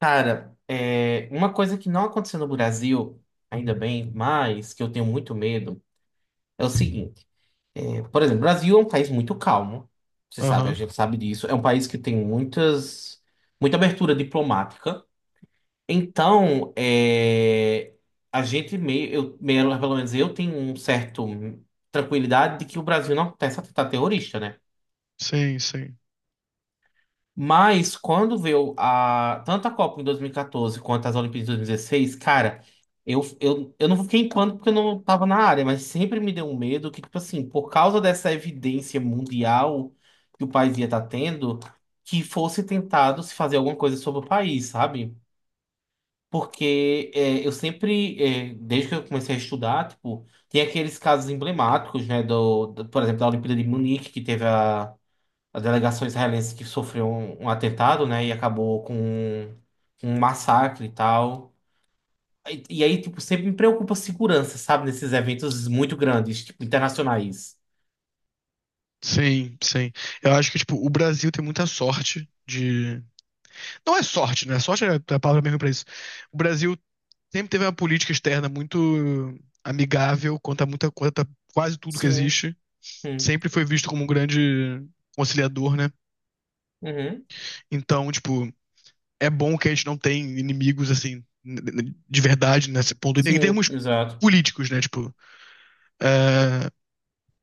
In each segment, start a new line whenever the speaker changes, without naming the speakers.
Cara, uma coisa que não aconteceu no Brasil, ainda bem, mas que eu tenho muito medo, é o seguinte. Por exemplo, o Brasil é um país muito calmo, você sabe, a
Aham.
gente sabe disso. É um país que tem muita abertura diplomática. Então, a gente meio, eu, meio, pelo menos eu tenho um certo tranquilidade de que o Brasil não começa a tentar terrorista, né?
Sim, sim.
Mas quando veio tanto a Copa em 2014 quanto as Olimpíadas de 2016, cara, eu não fiquei em pânico porque eu não tava na área, mas sempre me deu um medo que, tipo assim, por causa dessa evidência mundial que o país ia estar tendo, que fosse tentado se fazer alguma coisa sobre o país, sabe? Porque eu sempre, desde que eu comecei a estudar, tipo, tem aqueles casos emblemáticos, né, por exemplo, da Olimpíada de Munique, que teve a delegação israelense que sofreu um atentado, né? E acabou com um massacre e tal. E aí, tipo, sempre me preocupa a segurança, sabe? Nesses eventos muito grandes, tipo, internacionais.
Sim. Eu acho que, tipo, o Brasil tem muita sorte de. Não é sorte, né? Sorte é a palavra mesmo pra isso. O Brasil sempre teve uma política externa muito amigável quanto a muita coisa, quase tudo que
Sim,
existe.
hum,
Sempre foi visto como um grande conciliador, né?
uhum,
Então, tipo, é bom que a gente não tem inimigos, assim, de verdade, nesse ponto. Em
sim,
termos
exato.
políticos, né? Tipo, é,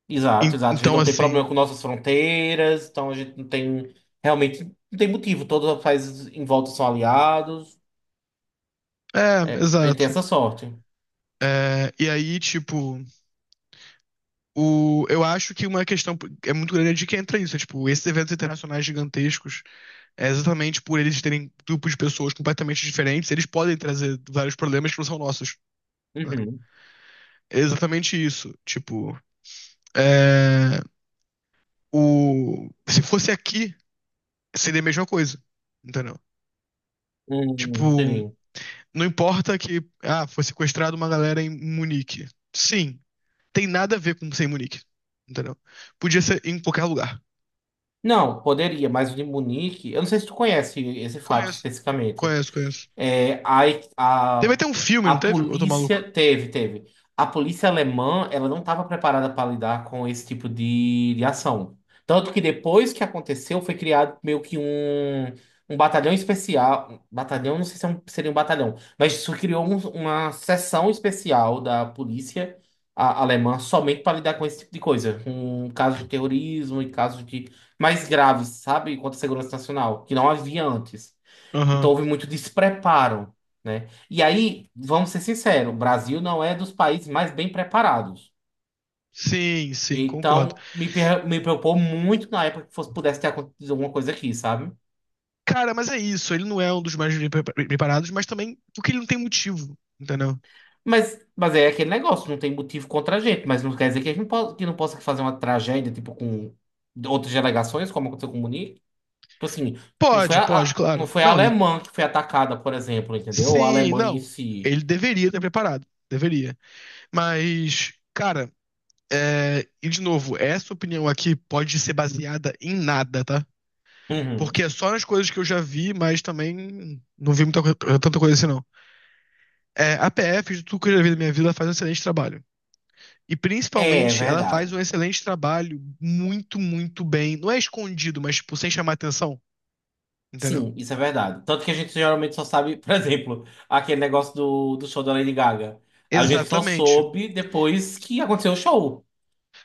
Exato, exato. A gente
então,
não tem problema
assim.
com nossas fronteiras, então a gente não tem. Realmente não tem motivo. Todos os países em volta são aliados.
É,
É, tem
exato.
essa sorte.
É, e aí, tipo. Eu acho que uma questão é muito grande é de que entra isso. É, tipo, esses eventos internacionais gigantescos, é exatamente por eles terem grupos de pessoas completamente diferentes, eles podem trazer vários problemas que não são nossos, né?
Uhum.
É exatamente isso. Tipo, é, o, se fosse aqui, seria a mesma coisa. Entendeu?
Uhum,
Tipo,
entendi.
não importa que, ah, foi sequestrado uma galera em Munique. Sim, tem nada a ver com ser em Munique. Entendeu? Podia ser em qualquer lugar.
Não, poderia, mas o de Munique, eu não sei se tu conhece esse fato
Conheço,
especificamente.
conheço.
É,
Teve
a,
até um filme,
a
não teve? Eu tô maluco.
polícia teve. A polícia alemã, ela não estava preparada para lidar com esse tipo de ação. Tanto que depois que aconteceu, foi criado meio que um batalhão especial. Um batalhão, não sei se seria um batalhão, mas isso criou uma seção especial da polícia alemã somente para lidar com esse tipo de coisa. Com casos de terrorismo e casos de mais graves, sabe? Contra a segurança nacional, que não havia antes.
Aham.
Então houve muito despreparo, né? E aí, vamos ser sinceros, o Brasil não é dos países mais bem preparados.
Sim, sim, concordo.
Então, me preocupou muito na época que fosse, pudesse ter acontecido alguma coisa aqui, sabe?
Cara, mas é isso. Ele não é um dos mais bem preparados, mas também porque ele não tem motivo, entendeu?
Mas é aquele negócio, não tem motivo contra a gente, mas não quer dizer que a gente não possa, que não possa fazer uma tragédia, tipo, com outras delegações, como aconteceu com o Munique. Tipo assim,
Pode, pode,
não
claro.
foi a
Não, ele.
alemã que foi atacada, por exemplo, entendeu? Ou a
Sim,
Alemanha em
não.
si.
Ele deveria ter preparado. Deveria. Mas, cara, é... e de novo, essa opinião aqui pode ser baseada em nada, tá?
Uhum.
Porque é só nas coisas que eu já vi, mas também não vi muita, tanta coisa assim, não. É, a PF, de tudo que eu já vi na minha vida, faz um excelente trabalho. E
É, é
principalmente, ela faz
verdade.
um excelente trabalho, muito, muito bem. Não é escondido, mas tipo, sem chamar atenção, entendeu?
Sim, isso é verdade. Tanto que a gente geralmente só sabe, por exemplo, aquele negócio do show da Lady Gaga. A gente só
Exatamente.
soube depois que aconteceu o show,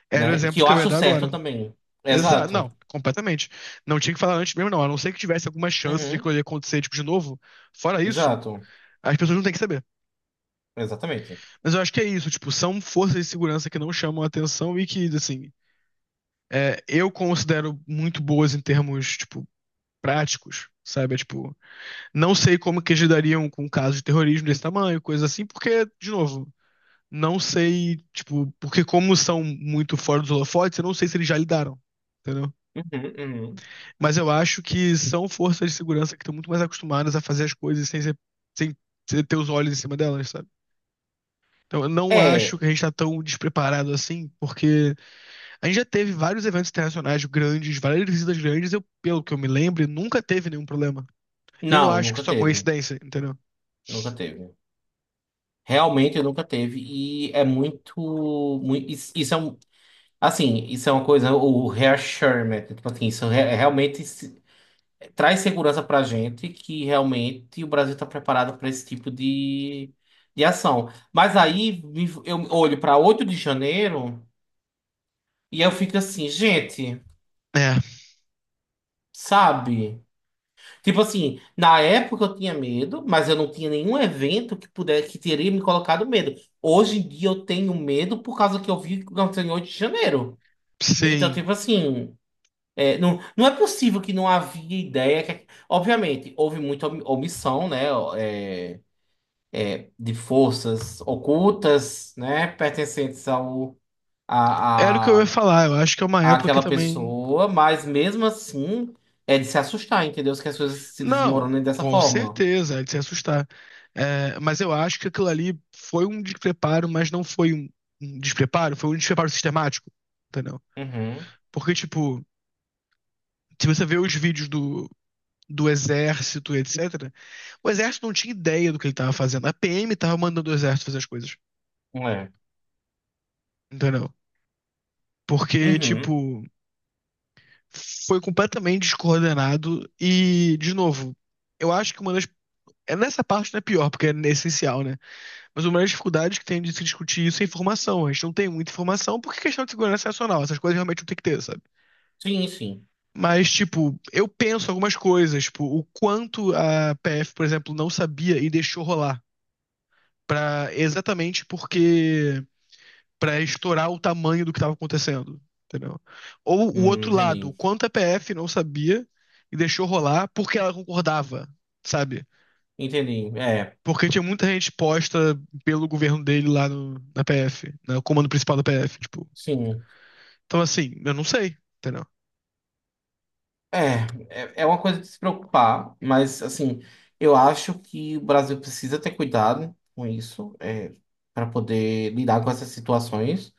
Era o
né? Que
exemplo
eu
que eu ia
acho
dar
certo
agora.
também.
Exa
Exato.
não, completamente. Não tinha que falar antes mesmo, não. A não ser que tivesse alguma chance de
Uhum.
aquilo acontecer, tipo, de novo. Fora isso,
Exato.
as pessoas não têm que saber.
Exatamente.
Mas eu acho que é isso, tipo, são forças de segurança que não chamam atenção e que, assim, é, eu considero muito boas em termos, tipo, práticos, sabe? É, tipo, não sei como que eles lidariam com um caso de terrorismo desse tamanho, coisa assim, porque, de novo, não sei, tipo, porque como são muito fora dos holofotes, eu não sei se eles já lidaram, entendeu?
Uhum, uhum.
Mas eu acho que são forças de segurança que estão muito mais acostumadas a fazer as coisas sem ter os olhos em cima delas, sabe? Então eu não acho
É.
que a gente tá tão despreparado assim, porque a gente já teve vários eventos internacionais grandes, várias visitas grandes, eu, pelo que eu me lembro, nunca teve nenhum problema. E eu não
Não,
acho que
nunca
isso é
teve.
coincidência, entendeu?
Nunca teve. Realmente nunca teve. E é muito. Muito isso, isso é um. Assim, isso é uma coisa, o reassurement. Tipo assim, isso é realmente. Traz segurança para a gente que realmente o Brasil está preparado para esse tipo de ação. Mas aí eu olho para 8 de janeiro e eu fico assim, gente,
É,
sabe? Tipo assim, na época eu tinha medo, mas eu não tinha nenhum evento que pudesse que teria me colocado medo. Hoje em dia eu tenho medo por causa que eu vi o que aconteceu em 8 de janeiro. Então,
sim.
tipo assim, não, não é possível que não havia ideia que obviamente, houve muita omissão, né? É, de forças ocultas, né, pertencentes
Era o que eu
a,
ia falar. Eu acho que é uma
a,
época que
àquela
também.
pessoa, mas mesmo assim é de se assustar, entendeu? Que as coisas se
Não,
desmoronem dessa
com
forma.
certeza, é de se assustar. É, mas eu acho que aquilo ali foi um despreparo, mas não foi um despreparo, foi um despreparo sistemático, entendeu?
Uhum,
Porque, tipo, se você vê os vídeos do exército, etc., o exército não tinha ideia do que ele tava fazendo. A PM tava mandando o exército fazer as coisas,
é.
entendeu? Porque,
Uhum.
tipo, foi completamente descoordenado e, de novo, eu acho que uma das é nessa parte não é pior, porque é essencial, né? Mas uma das dificuldades que tem de se discutir isso é informação. A gente não tem muita informação, porque é questão de segurança nacional, essas coisas realmente não tem que ter, sabe?
Sim, sim.
Mas, tipo, eu penso algumas coisas, tipo, o quanto a PF, por exemplo, não sabia e deixou rolar. Pra, exatamente porque. Pra estourar o tamanho do que estava acontecendo, entendeu? Ou o outro lado,
Entendi.
o quanto a PF não sabia e deixou rolar porque ela concordava, sabe?
Entendi. É,
Porque tinha muita gente posta pelo governo dele lá na PF, no comando principal da PF, tipo.
sim.
Então, assim, eu não sei, entendeu?
É, é uma coisa de se preocupar, mas assim, eu acho que o Brasil precisa ter cuidado com isso, para poder lidar com essas situações.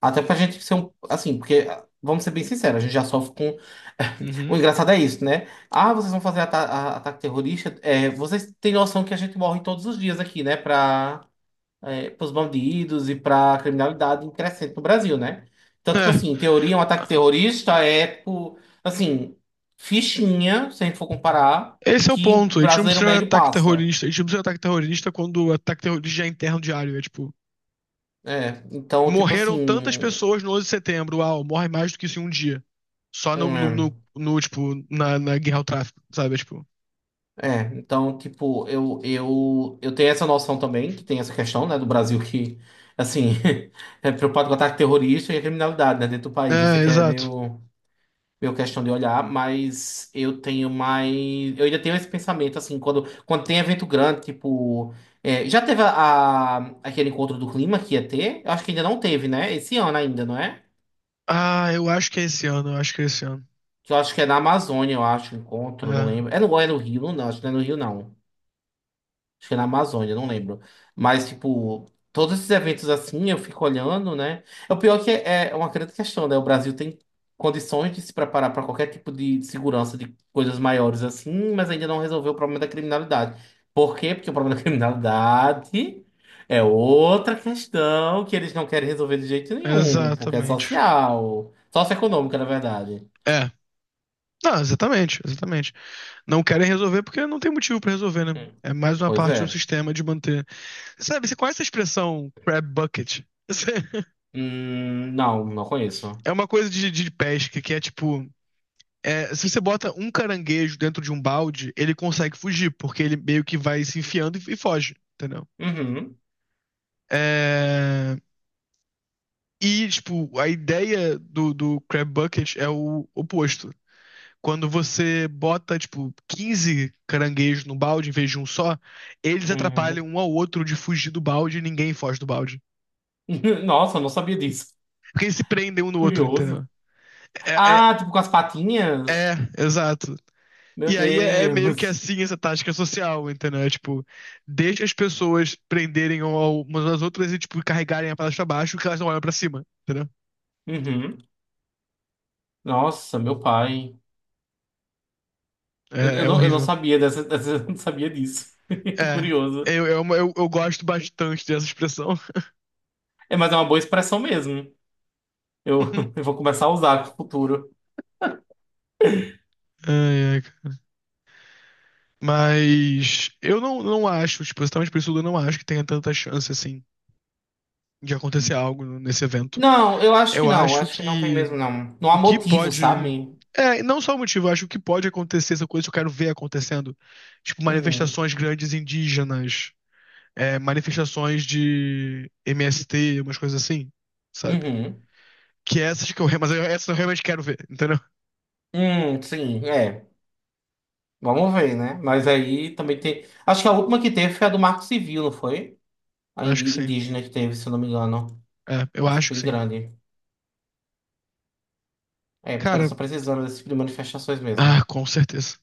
Até pra gente ser um. Assim, porque, vamos ser bem sinceros, a gente já sofre com. O
Uhum.
engraçado é isso, né? Ah, vocês vão fazer ataque terrorista. É, vocês têm noção que a gente morre todos os dias aqui, né? Pra, pros bandidos e pra criminalidade em crescente no Brasil, né? Então, tipo
É.
assim, em teoria, um ataque terrorista é, tipo, assim, fichinha, se a gente for comparar, com o
Esse é o
que o
ponto. A gente não
brasileiro
precisa de
médio
ataque
passa.
terrorista. A gente não precisa de ataque terrorista quando o ataque terrorista já é interno diário. É tipo.
É, então, tipo
Morreram
assim.
tantas pessoas no 11 de setembro. Uau, morre mais do que isso em um dia. Só no, no, no-
hum,
no, tipo, na guerra ao tráfico, sabe? Tipo.
É, então, tipo, eu tenho essa noção também, que tem essa questão, né, do Brasil que, assim, é preocupado com ataque terrorista e a criminalidade, né, dentro do país. Eu sei
É,
que é
exato.
meio, meio questão de olhar, mas eu tenho mais. Eu ainda tenho esse pensamento, assim, quando tem evento grande, tipo. Já teve aquele encontro do clima que ia ter? Eu acho que ainda não teve, né? Esse ano ainda, não é?
Ah, eu acho que é esse ano, eu acho que é esse ano.
Que eu acho que é na Amazônia, eu acho, o encontro, não
É,
lembro. É no Rio, não, acho que não é no Rio, não. Acho que é na Amazônia, não lembro. Mas, tipo, todos esses eventos assim, eu fico olhando, né? É o pior que é é uma grande questão, né? O Brasil tem condições de se preparar para qualquer tipo de segurança de coisas maiores assim, mas ainda não resolveu o problema da criminalidade. Por quê? Porque o problema da criminalidade é outra questão que eles não querem resolver de jeito nenhum, porque é
exatamente.
social, socioeconômica, na verdade.
É. Não, exatamente, exatamente. Não querem resolver porque não tem motivo pra resolver, né?
Hum.
É mais uma
Pois
parte do
é.
sistema de manter. Sabe, você conhece a expressão crab bucket? É
Não, não conheço.
é uma coisa de pesca que é tipo. É, se você bota um caranguejo dentro de um balde, ele consegue fugir, porque ele meio que vai se enfiando e foge, entendeu?
Uhum,
É, e, tipo, a ideia do Crab Bucket é o oposto. Quando você bota, tipo, 15 caranguejos no balde em vez de um só, eles
uhum.
atrapalham um ao outro de fugir do balde e ninguém foge do balde.
Nossa, eu não sabia disso.
Porque eles se prendem um no outro,
Curioso.
entendeu? É,
Ah, tipo com as patinhas?
é exato.
Meu
E aí é é meio que
Deus.
assim essa tática social, entendeu? É, tipo, deixa as pessoas prenderem umas às outras e, tipo, carregarem a palavra pra baixo que elas não olham pra cima, entendeu?
Uhum. Nossa, meu pai.
É, é
Eu não
horrível.
sabia dessa, dessa- eu não sabia disso.
É,
Curioso.
eu gosto bastante dessa expressão.
É, mas é uma boa expressão mesmo. Eu vou começar a usar pro futuro.
Ai, ai, cara. Mas eu não acho, tipo, exatamente por isso eu não acho que tenha tanta chance, assim, de acontecer algo nesse evento.
Não, eu acho que
Eu
não.
acho
Acho que não tem
que
mesmo, não. Não há
o que
motivo,
pode.
sabe?
É, não só o motivo, eu acho que o que pode acontecer, essa coisa que eu quero ver acontecendo. Tipo,
Uhum.
manifestações grandes indígenas, é, manifestações de MST, umas coisas assim, sabe?
Uhum.
Que essas que eu, re- mas eu- essas eu realmente quero ver, entendeu?
Sim, é. Vamos ver, né? Mas aí também tem. Acho que a última que teve foi a do Marco Civil, não foi?
Acho que sim.
Indígena que teve, se eu não me engano.
É, eu
E foi
acho que
bem
sim.
grande.
Cara,
Só precisando desse tipo de manifestações
ah,
mesmo.
com certeza.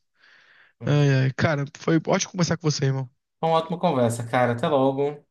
Ai, ai, cara, foi ótimo conversar com você, irmão.
Uma ótima conversa, cara. Até logo.